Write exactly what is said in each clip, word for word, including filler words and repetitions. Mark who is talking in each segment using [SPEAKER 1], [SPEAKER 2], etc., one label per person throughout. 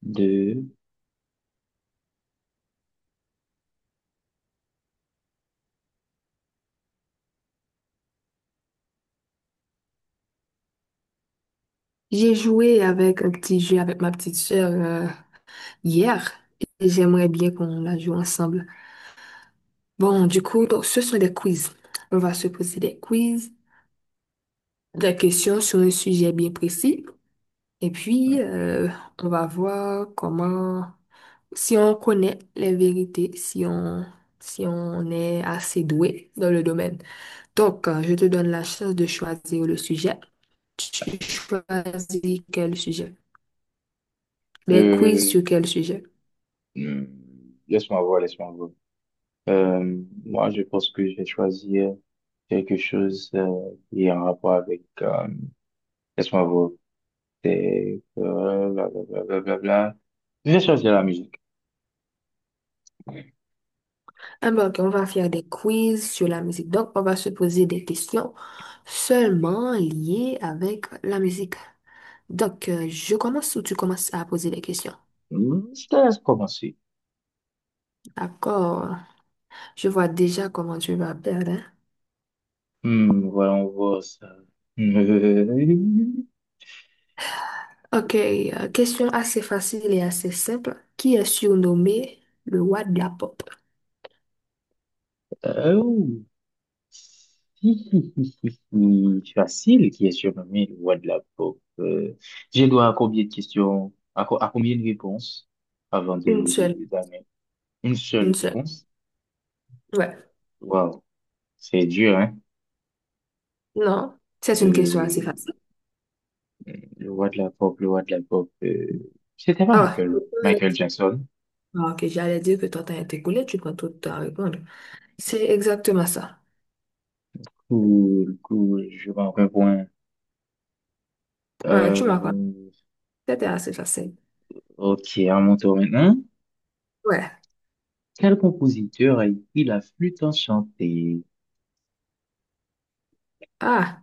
[SPEAKER 1] De
[SPEAKER 2] J'ai joué avec un petit jeu avec ma petite sœur euh, hier et j'aimerais bien qu'on la joue ensemble. Bon, du coup, donc, ce sont des quiz. On va se poser des quiz, des questions sur un sujet bien précis et puis euh, on va voir comment, si on connaît les vérités, si on, si on est assez doué dans le domaine. Donc, euh, je te donne la chance de choisir le sujet. Tu choisis quel sujet? Des quiz
[SPEAKER 1] Euh,
[SPEAKER 2] sur quel sujet?
[SPEAKER 1] hmm, Laisse-moi voir, laisse-moi voir. Euh, moi, je pense que je vais choisir quelque chose euh, qui est en rapport avec... euh, laisse-moi voir. C'est... euh, Blablabla. Je vais choisir la musique.
[SPEAKER 2] Ah ben, ok, on va faire des quiz sur la musique. Donc, on va se poser des questions seulement liées avec la musique. Donc, euh, je commence ou tu commences à poser des questions?
[SPEAKER 1] Hmm, Je te laisse commencer.
[SPEAKER 2] D'accord. Je vois déjà comment tu vas perdre, hein.
[SPEAKER 1] Hmm, voyons voir ça.
[SPEAKER 2] Ok, euh, question assez facile et assez simple. Qui est surnommé le roi de la pop?
[SPEAKER 1] Euh, oh. Si hi, hi, hi, hi. Facile qui est surnommé le roi de la pop. Euh, j'ai droit à combien de questions, à, co- à combien de réponses avant de,
[SPEAKER 2] Une
[SPEAKER 1] de,
[SPEAKER 2] seule,
[SPEAKER 1] de donner une
[SPEAKER 2] une
[SPEAKER 1] seule
[SPEAKER 2] seule.
[SPEAKER 1] réponse?
[SPEAKER 2] Ouais.
[SPEAKER 1] Waouh, c'est dur, hein?
[SPEAKER 2] Non, c'est une question assez
[SPEAKER 1] Euh,
[SPEAKER 2] facile.
[SPEAKER 1] le roi de la pop, le roi de la pop. Euh, c'était pas
[SPEAKER 2] Ah,
[SPEAKER 1] Michael,
[SPEAKER 2] ouais.
[SPEAKER 1] Michael Jackson.
[SPEAKER 2] Ah, ok, j'allais dire que ton temps est écoulé, tu prends tout le temps à répondre. C'est exactement ça.
[SPEAKER 1] Cool, cool, je manque un point.
[SPEAKER 2] Ouais, tu m'as compris.
[SPEAKER 1] Euh,
[SPEAKER 2] C'était assez facile.
[SPEAKER 1] ok, à mon tour maintenant.
[SPEAKER 2] Ouais.
[SPEAKER 1] Quel compositeur a écrit la flûte enchantée?
[SPEAKER 2] Ah,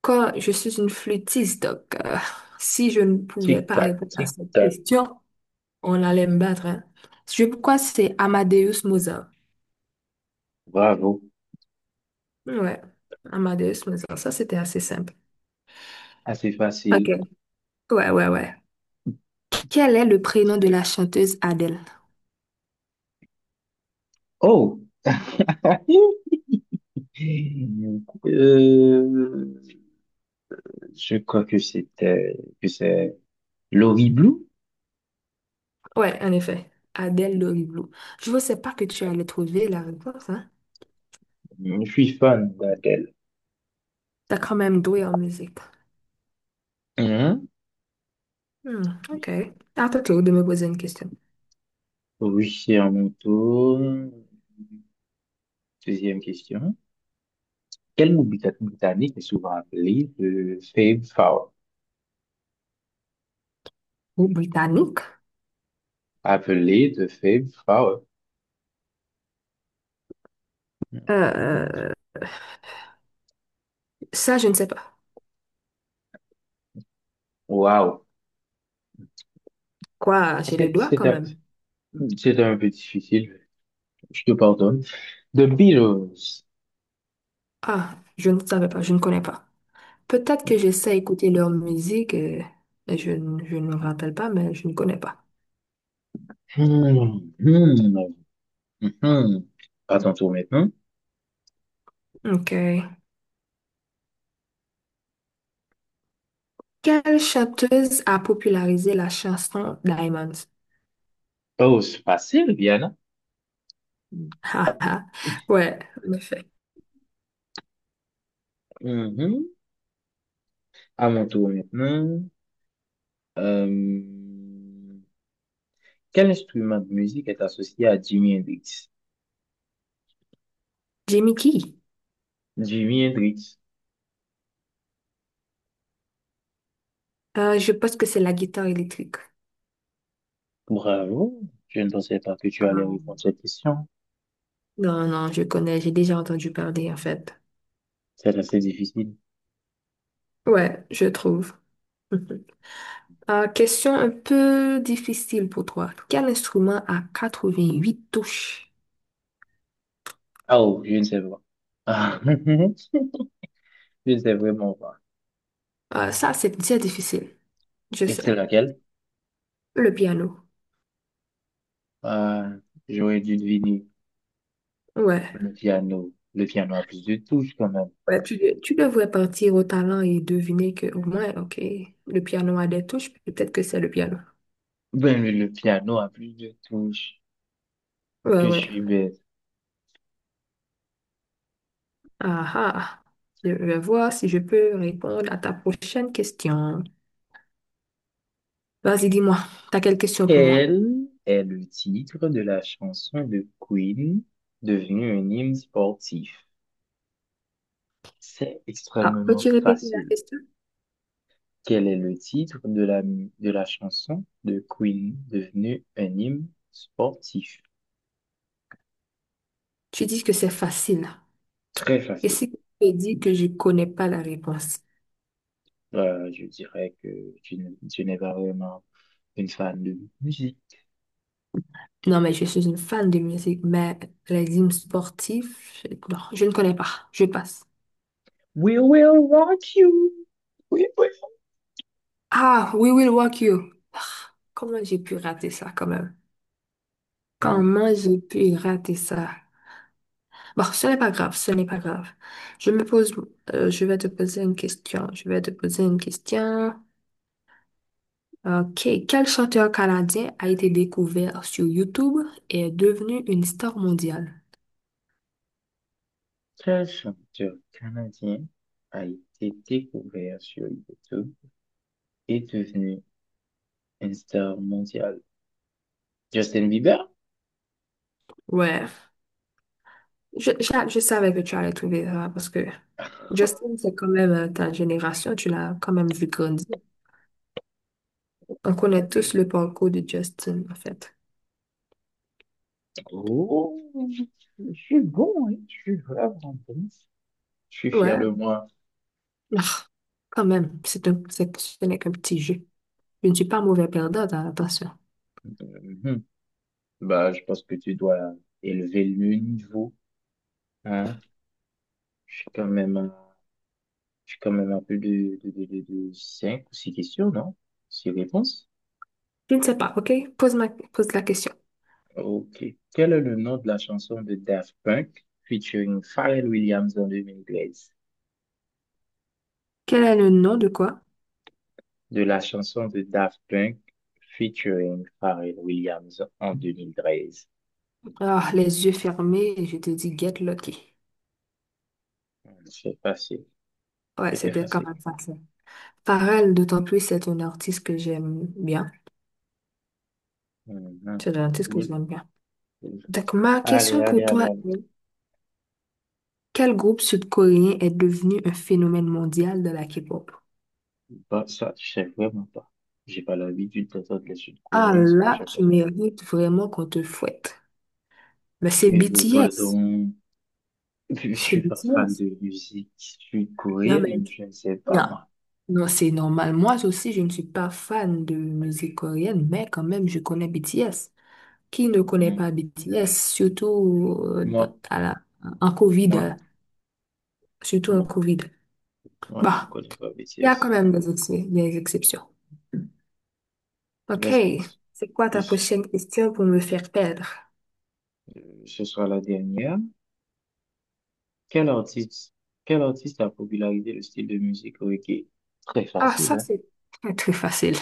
[SPEAKER 2] quand je suis une flûtiste, donc euh, si je ne pouvais pas
[SPEAKER 1] Tic-tac,
[SPEAKER 2] répondre à cette
[SPEAKER 1] tic-tac.
[SPEAKER 2] question, on allait me battre, hein. Je pourquoi c'est Amadeus Mozart.
[SPEAKER 1] Bravo,
[SPEAKER 2] Ouais, Amadeus Mozart. Ça, c'était assez simple.
[SPEAKER 1] assez
[SPEAKER 2] Ok.
[SPEAKER 1] facile.
[SPEAKER 2] Ouais, ouais, ouais. Quel est le prénom de la chanteuse Adèle?
[SPEAKER 1] Oh, euh, je crois que c'était que c'est Laurie Blue.
[SPEAKER 2] Ouais, en effet. Adèle Loriblou. Je ne pensais pas que tu allais trouver la réponse, hein.
[SPEAKER 1] Je suis fan d'Adèle.
[SPEAKER 2] T'as quand même doué en musique.
[SPEAKER 1] Mhm.
[SPEAKER 2] Hmm, ok. À ton tour de me poser une question.
[SPEAKER 1] Oui, c'est à mon tour. Deuxième question. Quel mot brit- britannique est souvent appelé de Fab Four?
[SPEAKER 2] Ou britannique?
[SPEAKER 1] Appelé de Fab Four. Mhm.
[SPEAKER 2] Euh, ça, je ne sais pas.
[SPEAKER 1] Wow.
[SPEAKER 2] Quoi, j'ai le
[SPEAKER 1] C'est
[SPEAKER 2] doigt
[SPEAKER 1] c'est
[SPEAKER 2] quand
[SPEAKER 1] un,
[SPEAKER 2] même.
[SPEAKER 1] c'est un peu difficile. Je te pardonne. The Beatles.
[SPEAKER 2] Ah, je ne savais pas, je ne connais pas. Peut-être que j'essaie d'écouter leur musique, euh, mais je, ne- je ne me rappelle pas, mais je ne connais pas.
[SPEAKER 1] Hmm, hmm, hmm. À ton tour maintenant.
[SPEAKER 2] Ok. Quelle chanteuse a popularisé la chanson Diamonds?
[SPEAKER 1] Oh, c'est facile, Viana.
[SPEAKER 2] Ah, ah. Ouais, en effet.
[SPEAKER 1] Mhm. À mon tour maintenant. Euh, Quel instrument de musique est associé à Jimi Hendrix?
[SPEAKER 2] Jimmy Key.
[SPEAKER 1] Jimi Hendrix.
[SPEAKER 2] Euh, je pense que c'est la guitare électrique.
[SPEAKER 1] Bravo. Je ne pensais pas que tu allais
[SPEAKER 2] Ah,
[SPEAKER 1] répondre à cette question.
[SPEAKER 2] non, non, je connais, j'ai déjà entendu parler en fait.
[SPEAKER 1] C'est assez difficile.
[SPEAKER 2] Ouais, je trouve. Ah, question un peu difficile pour toi. Quel instrument a quatre-vingt-huit touches?
[SPEAKER 1] Ah, oh, je ne sais pas. Ah, je ne sais vraiment pas.
[SPEAKER 2] Ah, ça, c'est déjà difficile. Je
[SPEAKER 1] Et
[SPEAKER 2] sais.
[SPEAKER 1] c'est laquelle?
[SPEAKER 2] Le piano.
[SPEAKER 1] Ah, j'aurais dû deviner
[SPEAKER 2] Ouais.
[SPEAKER 1] le piano. Le piano a plus de touches quand même.
[SPEAKER 2] Ouais, tu, de- tu devrais partir au talent et deviner que, au moins, ok, le piano a des touches. Peut-être que c'est le piano.
[SPEAKER 1] Ben, le, le piano a plusieurs touches
[SPEAKER 2] Ouais,
[SPEAKER 1] que je
[SPEAKER 2] ouais.
[SPEAKER 1] suis bête.
[SPEAKER 2] Ah, ah. Je vais voir si je peux répondre à ta prochaine question. Vas-y, dis-moi. T'as quelle question pour moi?
[SPEAKER 1] Quel est le titre de la chanson de Queen devenue un hymne sportif? C'est
[SPEAKER 2] Ah,
[SPEAKER 1] extrêmement
[SPEAKER 2] peux-tu répéter la
[SPEAKER 1] facile.
[SPEAKER 2] question?
[SPEAKER 1] Quel est le titre de la, mu- de la chanson de Queen devenue un hymne sportif?
[SPEAKER 2] Tu dis que c'est facile.
[SPEAKER 1] Très
[SPEAKER 2] Et
[SPEAKER 1] facile.
[SPEAKER 2] si tu dis que je connais pas la réponse?
[SPEAKER 1] Euh, je dirais que tu, n- tu n'es pas vraiment une fan de musique.
[SPEAKER 2] Non, mais je suis une fan de musique, mais les hymnes sportifs, je- non, je ne connais pas. Je passe.
[SPEAKER 1] We will rock you. We will.
[SPEAKER 2] Ah, We Will Rock You. Ah, comment j'ai pu rater ça quand même?
[SPEAKER 1] Hmm.
[SPEAKER 2] Comment j'ai pu rater ça? Bon, ce n'est pas grave, ce n'est pas grave. Je me pose, euh, je vais te poser une question. Je vais te poser une question. Ok. Quel chanteur canadien a été découvert sur YouTube et est devenu une star mondiale?
[SPEAKER 1] Quel chanteur canadien a été découvert sur YouTube et devenu une star mondiale? Justin Bieber?
[SPEAKER 2] Ouais. Je, je, je savais que tu allais trouver ça parce que Justin, c'est quand même euh, ta génération, tu l'as quand même vu grandir. On connaît tous le parcours de Justin, en fait.
[SPEAKER 1] Oh, je je suis bon, hein. Je suis vraiment bon. Je suis fier
[SPEAKER 2] Ouais,
[SPEAKER 1] de moi.
[SPEAKER 2] ah, quand même, c'est un, c'est, ce n'est qu'un petit jeu. Je ne suis pas mauvais perdant, hein, attention.
[SPEAKER 1] Mhm. Bah, je pense que tu dois élever le niveau, hein. Je suis quand même à, je suis quand même à plus de, de, de, de, de cinq ou six questions, non? Six réponses?
[SPEAKER 2] Je ne sais pas, ok? Pose ma, pose la question.
[SPEAKER 1] Ok. Quel est le nom de la chanson de Daft Punk featuring Pharrell Williams en deux mille treize?
[SPEAKER 2] Quel est le nom de quoi?
[SPEAKER 1] De la chanson de Daft Punk featuring Pharrell Williams en deux mille treize.
[SPEAKER 2] Ah, les yeux fermés, et je te dis Get Lucky.
[SPEAKER 1] C'est facile.
[SPEAKER 2] Ouais,
[SPEAKER 1] C'était
[SPEAKER 2] c'était quand
[SPEAKER 1] facile.
[SPEAKER 2] même facile. Pharrell, d'autant plus, c'est un artiste que j'aime bien.
[SPEAKER 1] Mhm.
[SPEAKER 2] C'est un artiste que
[SPEAKER 1] Cool.
[SPEAKER 2] j'aime bien.
[SPEAKER 1] Cool.
[SPEAKER 2] Donc, ma
[SPEAKER 1] Allez,
[SPEAKER 2] question pour
[SPEAKER 1] allez, allez,
[SPEAKER 2] toi
[SPEAKER 1] allez.
[SPEAKER 2] est, quel groupe sud-coréen est devenu un phénomène mondial de la K-pop?
[SPEAKER 1] Bah, ça, je sais vraiment pas. J'ai pas l'habitude d'entendre les
[SPEAKER 2] Ah
[SPEAKER 1] Sud-Coréens, ça, je
[SPEAKER 2] là,
[SPEAKER 1] sais pas.
[SPEAKER 2] tu mérites vraiment qu'on te fouette. Mais c'est
[SPEAKER 1] Et vous,
[SPEAKER 2] B T S.
[SPEAKER 1] pardon. Je
[SPEAKER 2] C'est
[SPEAKER 1] suis pas fan
[SPEAKER 2] B T S.
[SPEAKER 1] de musique
[SPEAKER 2] Non, mais
[SPEAKER 1] sud-coréenne, je ne sais pas,
[SPEAKER 2] non.
[SPEAKER 1] moi.
[SPEAKER 2] Non, c'est normal. Moi aussi, je ne suis pas fan de musique coréenne, mais quand même, je connais B T S. Qui ne connaît
[SPEAKER 1] Hmm.
[SPEAKER 2] pas B T S, surtout euh, dans-
[SPEAKER 1] Moi,
[SPEAKER 2] à la- en COVID,
[SPEAKER 1] moi,
[SPEAKER 2] euh, surtout en
[SPEAKER 1] moi.
[SPEAKER 2] COVID.
[SPEAKER 1] Non, je ne
[SPEAKER 2] Bah,
[SPEAKER 1] connais pas B
[SPEAKER 2] il
[SPEAKER 1] T
[SPEAKER 2] y a quand
[SPEAKER 1] S
[SPEAKER 2] même des, ex- des exceptions. Ok.
[SPEAKER 1] Laisse penser
[SPEAKER 2] C'est quoi
[SPEAKER 1] que
[SPEAKER 2] ta
[SPEAKER 1] ce
[SPEAKER 2] prochaine question pour me faire perdre?
[SPEAKER 1] ce soit la dernière. Quel artiste, Quel artiste a popularisé le style de musique reggae? Très
[SPEAKER 2] Ah,
[SPEAKER 1] facile,
[SPEAKER 2] ça,
[SPEAKER 1] hein?
[SPEAKER 2] c'est très, très facile.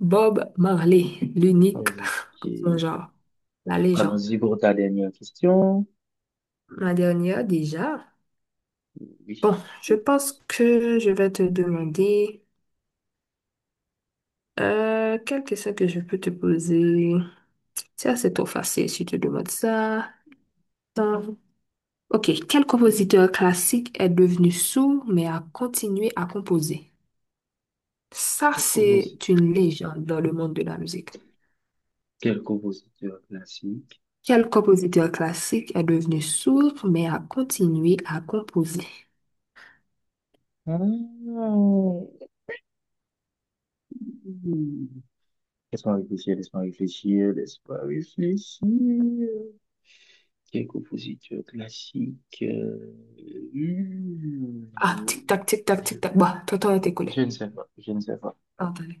[SPEAKER 2] Bob Marley, l'unique
[SPEAKER 1] Allons-y,
[SPEAKER 2] en son genre, la légende.
[SPEAKER 1] Allons-y pour ta dernière question.
[SPEAKER 2] Ma dernière déjà. Bon,
[SPEAKER 1] Oui.
[SPEAKER 2] je pense que je vais te demander euh, quelle question que je peux te poser. Ça, c'est trop facile si je te demande ça. Attends. Ok, quel compositeur classique est devenu sourd mais a continué à composer? Ça,
[SPEAKER 1] Quel
[SPEAKER 2] c'est
[SPEAKER 1] composi-
[SPEAKER 2] une légende dans le monde de la musique.
[SPEAKER 1] Quel compositeur classique?
[SPEAKER 2] Quel compositeur classique est devenu sourd mais a continué à composer?
[SPEAKER 1] Ah, oui. Laisse-moi réfléchir, laisse-moi réfléchir, laisse-moi réfléchir. Quel compositeur classique? euh, hum,
[SPEAKER 2] Ah, tic-tac, tic-tac,
[SPEAKER 1] Je,
[SPEAKER 2] tic-tac. Bah, ton temps est
[SPEAKER 1] je
[SPEAKER 2] écoulé.
[SPEAKER 1] ne sais pas, je ne sais pas.
[SPEAKER 2] Attendez.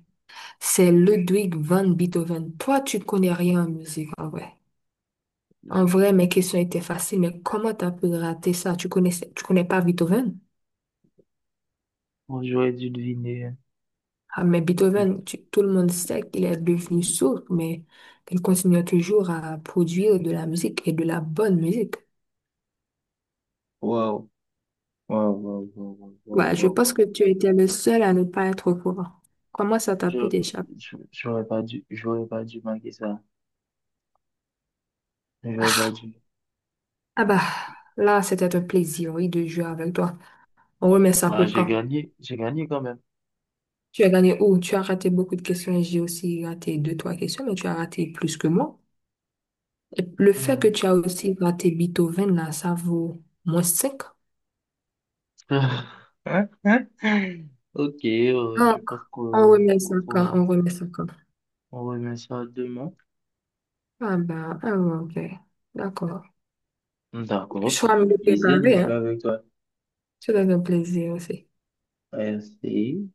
[SPEAKER 2] C'est Ludwig van Beethoven. Toi, tu connais rien en musique, en vrai. En
[SPEAKER 1] Euh,
[SPEAKER 2] vrai, mes questions étaient faciles, mais comment t'as pu rater ça? Tu connaissais, tu connais pas Beethoven?
[SPEAKER 1] Bon, j'aurais dû deviner, hein.
[SPEAKER 2] Ah, mais
[SPEAKER 1] Je-
[SPEAKER 2] Beethoven, tu- tout le monde sait qu'il est devenu sourd, mais il continue toujours à produire de la musique et de la bonne musique.
[SPEAKER 1] Waouh, waouh, waouh, waouh, waouh,
[SPEAKER 2] Ouais, je
[SPEAKER 1] waouh,
[SPEAKER 2] pense
[SPEAKER 1] waouh.
[SPEAKER 2] que tu étais le seul à ne pas être au courant. Comment ça t'a
[SPEAKER 1] je-
[SPEAKER 2] pu t'échapper?
[SPEAKER 1] je- J'aurais pas dû, j'aurais pas dû manquer ça. J'aurais pas dû.
[SPEAKER 2] Ah bah, là, c'était un plaisir, oui, de jouer avec toi. On remet ça
[SPEAKER 1] Bah,
[SPEAKER 2] pour
[SPEAKER 1] j'ai
[SPEAKER 2] quand?
[SPEAKER 1] gagné, j'ai gagné quand même.
[SPEAKER 2] Tu as gagné où? Tu as raté beaucoup de questions et j'ai aussi raté deux, trois questions, mais tu as raté plus que moi. Et le fait que
[SPEAKER 1] Hmm.
[SPEAKER 2] tu as aussi raté Beethoven, là, ça vaut moins cinq.
[SPEAKER 1] Hein, hein? Ok, euh, je
[SPEAKER 2] Donc,
[SPEAKER 1] pense
[SPEAKER 2] on
[SPEAKER 1] qu'on
[SPEAKER 2] remet ça
[SPEAKER 1] qu'on
[SPEAKER 2] quand?
[SPEAKER 1] pourra.
[SPEAKER 2] On remet ça quand?
[SPEAKER 1] On remet ça demain.
[SPEAKER 2] Ah bah, ah ouais, ok. D'accord. Je
[SPEAKER 1] D'accord, c'est
[SPEAKER 2] serai
[SPEAKER 1] un
[SPEAKER 2] mieux
[SPEAKER 1] plaisir de
[SPEAKER 2] préparé,
[SPEAKER 1] jouer
[SPEAKER 2] hein.
[SPEAKER 1] avec toi.
[SPEAKER 2] C'était un plaisir aussi.
[SPEAKER 1] Merci.